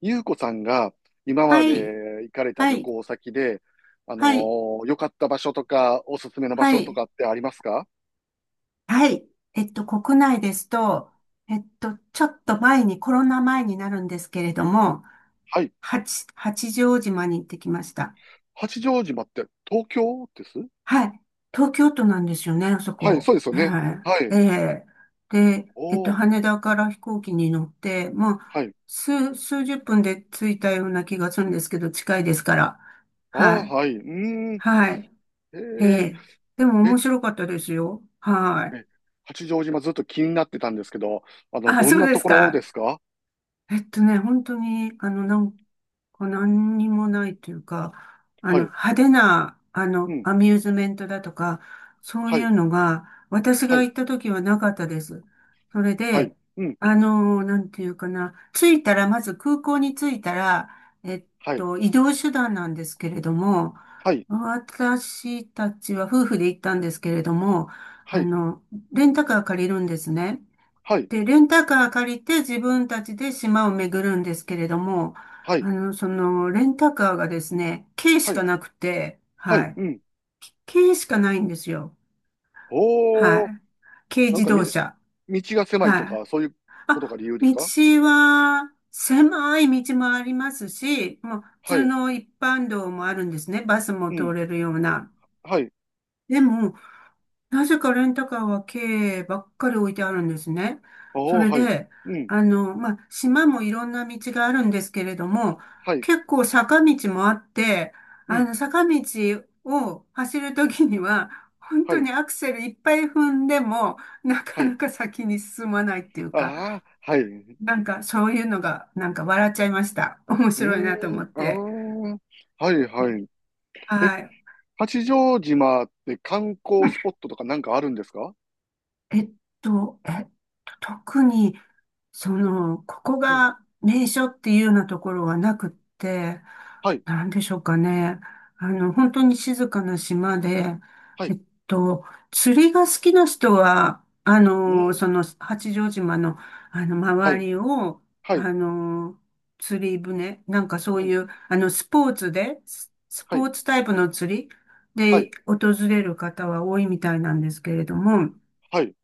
ゆうこさんが今まはい、で行かれたは旅い、行先で、はい、良かった場所とか、おすすめの場は所とい、かってありますか？はい。国内ですと、ちょっと前に、コロナ前になるんですけれども、はい。八丈島に行ってきました。八丈島って東京です？はい。東京都なんですよね、あそはい、そこ。うですよね。ははい。い。ええ。で、おー、羽田から飛行機に乗って、まはあ、い。数十分で着いたような気がするんですけど、近いですから。ああ、はい。はい。うーん。はい。ええー、え。でもえ、面白かったですよ。はい。え、八丈島ずっと気になってたんですけど、あ、どんそなうでとすころでか。すか？本当に、なんか何にもないというか、はい。派手な、うん。アミューズメントだとか、そうはいい。うのが、私はがい。行った時はなかったです。それはい。で、うん。なんていうかな、着いたら、まず空港に着いたら、えっはい。移動手段なんですけれども、はい。私たちは夫婦で行ったんですけれども、はあい。の、レンタカー借りるんですね。はい。で、レンタカー借りて自分たちで島を巡るんですけれども、はい。レンタカーがですね、軽しはかい。なくて、ははい。い。うん。軽しかないんですよ。はおー。い。軽なん自か動み、車。道が狭いはとい。か、そういうことがあ、理由です道か？は、狭い道もありますし、もう、普は通い。の一般道もあるんですね。バスもう通ん。れるような。はい。でも、なぜかレンタカーは軽ばっかり置いてあるんですね。そおお、れはい。で、うん。まあ、島もいろんな道があるんですけれども、はい。結構坂道もあって、うん。坂道を走るときには、本は当い。にアクセルいっぱい踏んでも、なかはない。か先に進まないっていうか、ああ、はい。うなんかそういうのが、なんか笑っちゃいました。面白いなとーん。思っあて。あ、はい、はい。え、はい。八丈島って観光スポットとかなんかあるんですか？えっと、えっ特に、ここうん。が名所っていうようなところはなくって、はい。なんでしょうかね。本当に静かな島で、はえい。っと、釣りが好きな人は、うん。八丈島の、は周い。りを、はい。あの、釣り船、なんかそううん。いう、スポーツで、スはポい。ーツタイプの釣りはでい。訪れる方は多いみたいなんですけれども、はい。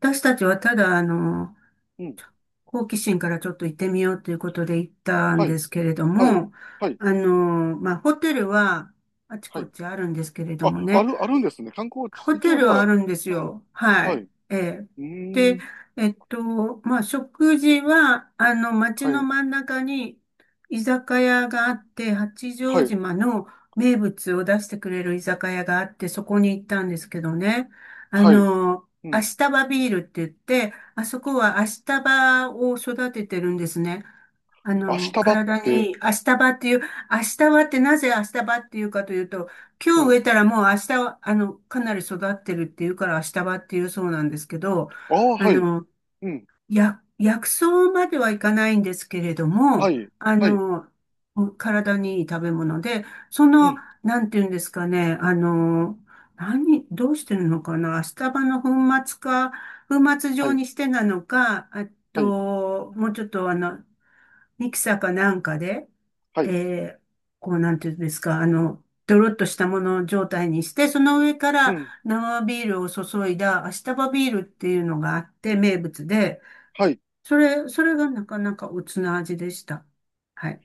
私たちはただ、うん。好奇心からちょっと行ってみようということで行ったんはい。ですけれどはい。も、はい。まあ、ホテルはあちはこい。ちあるんですけれどあ、もあね、る、あるんですね。観光地、ホ一テ応じルゃはああ。るんですうん。よ。ははい。い。うええ。ーで、ん。まあ、食事は、街はのい。真ん中に居酒屋があって、八は丈い。島の名物を出してくれる居酒屋があって、そこに行ったんですけどね。はい。うアん。シタバビールって言って、あそこはアシタバを育ててるんですね。足日ばっ体て？に明日葉っていう、明日葉ってなぜ明日葉っていうかというと、う今日植ん。えたらもう明日は、かなり育ってるっていうから明日葉っていうそうなんですけど、ああ、あはい。の、うん。薬草まではいかないんですけれどはも、い。あはい。の、体にいい食べ物で、そうの、ん。なんていうんですかね、何、どうしてるのかな、明日葉の粉末か、粉末は状い。にしてなのか、あはい。と、もうちょっとミキサーかなんかで、はい。えーこうなんていうんですか、ドロッとしたもの状態にして、その上かうらん。生ビールを注いだアシタバビールっていうのがあって名物で、はい。それがなかなかおつな味でした。はい。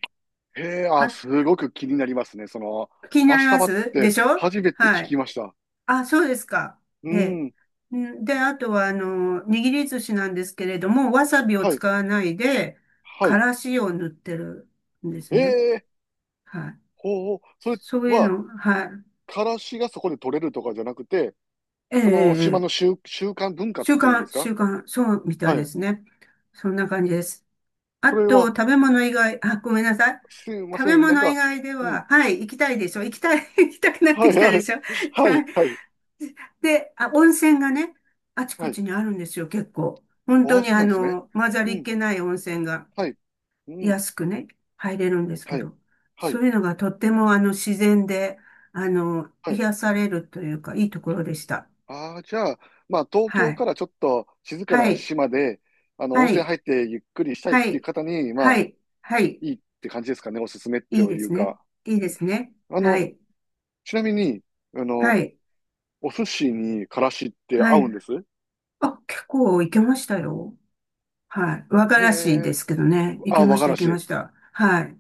へえ、あ、あ、すごく気になりますね。気になり足日まばっすてでしょ。初めて聞はきい。ました。あ、そうですか。うえん。え。んで、あとは、握り寿司なんですけれども、わさびをはい。使わないで、はかい。らしを塗ってるんでえすね。え、はい。ほうほう。それそういうは、の、はい。からしがそこで取れるとかじゃなくて、ええ、えそえ、の島えのえ。習慣文化っ習ていうんで慣、すか？習慣、そうみたいはでい。すね。そんな感じです。あそれと、は、食べ物以外、あ、ごめんなさい。すいま食せべん。なん物以か。外でうん。は、はい、行きたいでしょ。行きたい、行きたくなっはていきたはでい。しょ。ははいい。はい。で、あ、温泉がね、あちはこい。ちにあるんですよ、結構。本あ当あ、にそうなんですね。混ざうりっん、けない温泉がはい、うん、安くね、入れるんですけはい、ど、はそい、ういうのがとっても自然で、はい。癒されるというか、いいところでした。ああ、じゃあ、まあ、東は京かい。らちょっと静かはない、島で、温は泉い、入ってゆっくりしたいっはていうい、方に、まはあ、い、はい、いいって感じですかね、おすすめっていいでいうすね。か。いいうでん。すね。あはの、い、ちなみに、あの、はい、お寿司にからしっては合うんい。です？あ、結構いけましたよ。はい。和がへらしいでえ、すけどね。いけあ、ま和しがた、いらけまし。した。はい、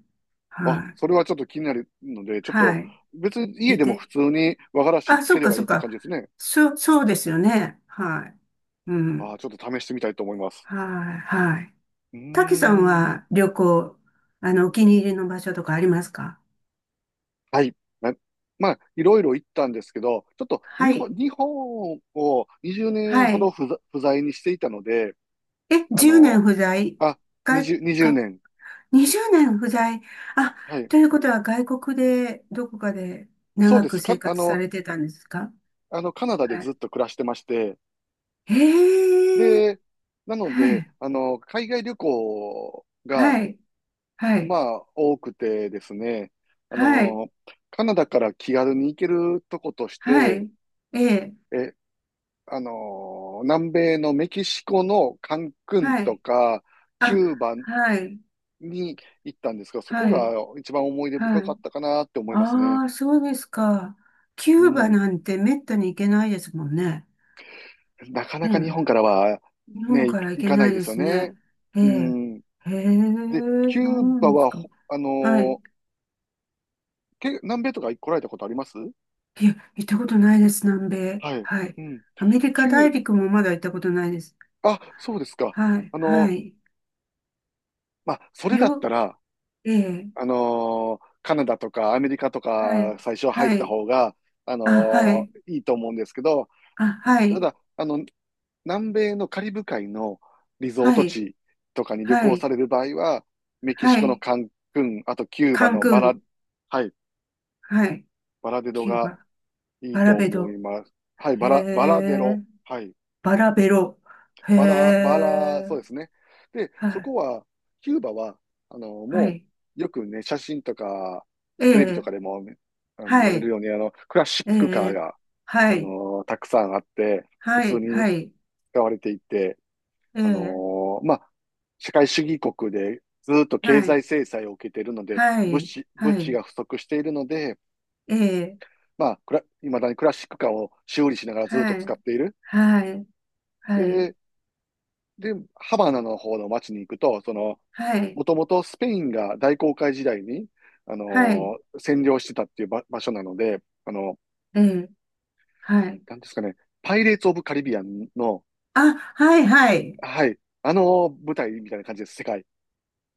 あ、はい、それはちょっと気になるので、ちょっと、はい。別に家いでも普て。通に和がらしあ、つそけっれか、ばいいそっって感か。じですね。そう、そうですよね。はい。うああ、ん。ちょっと試してみたいと思います。はい、はい。うたけさんーん。は旅行、お気に入りの場所とかありますか？はい。なまあ、いろいろ行ったんですけど、ちょっとは日本、い、日本を20年はほどい。不在にしていたので、え、あ10年の、不在あ、外、20年。20年不在。あ、はい。ということは外国で、どこかでそう長でくす生か。活されてたんですか？カナダではずい。っと暮らしてまして、へえ、で、なのはで、い、海外旅行が、はい、はまい、あ、多くてですね、あはい、の、カナダから気軽に行けるとことしはて、い、ええ、えあのー南米のメキシコのカンクンはとい、か、キあ、ューバはい、に行ったんですが、そこはい、が一番思い出は深かい。ったかなって思いますね。ああ、そうですか。キうューバん。なんてめったに行けないですもんね。なかなか日本ね、からは日本ね、から行行けかないないでですよすね。ね。えうえ、ん。へえ、で、キそうューなバんですは、か。ほあのはい。ーけ、南米とか来られたことあります？いや、行ったことないです、南米。はい。はい。うん。アメリカキュ大ー、陸もまだ行ったことないです。あ、そうですか。はい、あのはーい。まあ、それだったよ、ら、ええ、カナダとかアメリカとはかい、最初は入っはたい。方が、あ、はい。いいと思うんですけど、あ、はたい、だ、南米のカリブ海のリゾーはトい、地とかに旅は行さい、れる場合は、メキはシコのい。カンクン、あとキューバカンのクン、はい、はい。バラデロキューがバ、いいバラとベ思ド、います。はい、へバラデえ、ロ。はい。バラベロ、へバラ、バラ、え、そうですね。で、はそい、こは、キューバは、はもい。う、よくね、写真とか、えテレビとえ、かでも、ね、見はられるい、ように、クラシッえクカーえ、が、はい、たくさんあって、普は通い、はにい、使われていて、ええ、まあ、社会主義国でずっとは経済い、制裁を受けているので、は物い、資、は物資い。が不足しているので、ええ、まあ、いまだにクラシックカーを修理しながらずっはと使い、っている。はい、はい、で、で、ハバナの方の街に行くと、はい、もともとスペインが大航海時代に、はい、占領してたっていう場所なので、ええ、はい。なんですかね、パイレーツ・オブ・カリビアンの、あ、はい、はい。はい、あの舞台みたいな感じです、世界。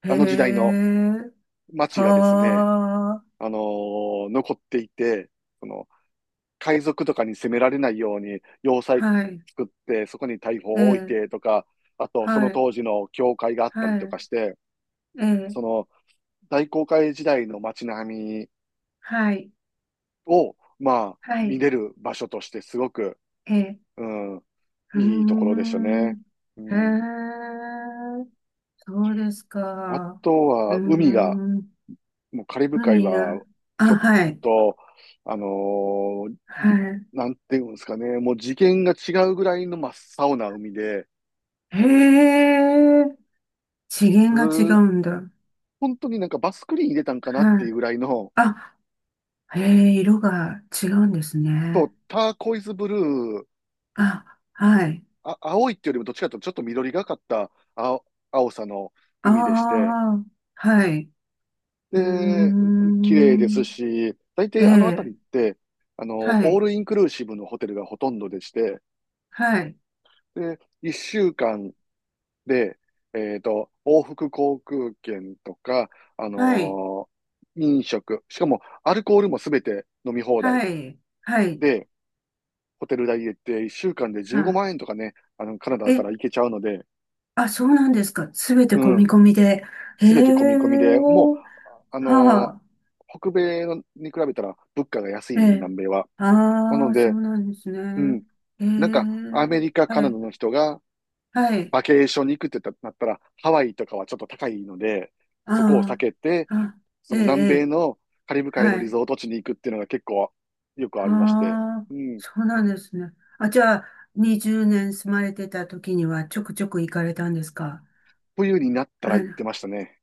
へあの時代のえ、街がですね、はあ、残っていて、その、海賊とかに攻められないように要は塞い、作って、そこに大砲えを置いえ、てとか、あと、そはのい、当時の教会があったりはい、とかして、ええ、その、大航海時代の街並みはい、を、まあ、は見い、れる場所としてすごく、ええ、うん、うーいいところでしたね。ん、うへん。え、そうですあか。とうは、ー海が、ん、もうカリブ海海が、は、ちょあ、っはい、と、あのーはなんていうんですかね、もう次元が違うぐらいの真っ青な海で、い。へえ、次元うが違ーうんだ。本当になんかバスクリーン入れたんかなってはいうい。ぐらいの、あ、へえ、色が違うんですそね。う、ターコイズブルー、あ、はい。あ、青いっていうよりもどっちかというとちょっと緑がかった青さのあ海でして、あ、はい。うーで、綺麗ですん。し、大え体あの辺え、りって、はオーい、ルインクルーシブのホテルがほとんどでして、はい、で、1週間で、往復航空券とか、あはい、のー飲食、しかもアルコールもすべて飲み放題はい、はい。で、ホテル代入れて1週間で15あ、万円とかね、カナダえ、から行けちゃうので、あ、そうなんですか。すべてう込みん、込みで。へえ、すべて込み込みで、もう、あはのーあ、北米のに比べたら物価が安いえので、え、南米は。なあのあ、そで、うなんですうね。ん、ええ、なんか、アメリカ、はカナダい、の人がはい、バケーションに行くってなったら、ハワイとかはちょっと高いので、あそこを避けて、あ、あ、そえのえ、え南米え。のカリブ海のはリい。ゾート地に行くっていうのが結構よくあありまして、あ、うん、そうなんですね。あ、じゃあ、20年住まれてた時にはちょくちょく行かれたんですか？冬になったあら行っの、てましたね。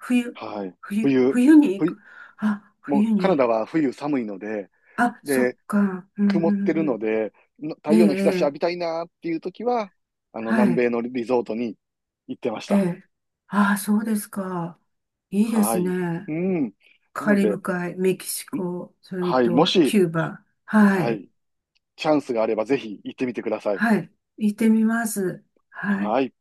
冬、はい。冬、冬、冬に行冬、く。あ、もう冬カナダに。は冬寒いので、あ、そっで、か。うん、曇っうてるのん。で、太うん、ええ、陽の日差しええ、浴びたいなっていう時は、は南米い、のリゾートに行ってましえた。え。ああ、そうですか。いいではすい。うね。ん。なカのリで、ブ海、メキシコ、それはい、もとし、キューバ。ははい、い、チャンスがあればぜひ行ってみてください。はい。行ってみます。はい。はい。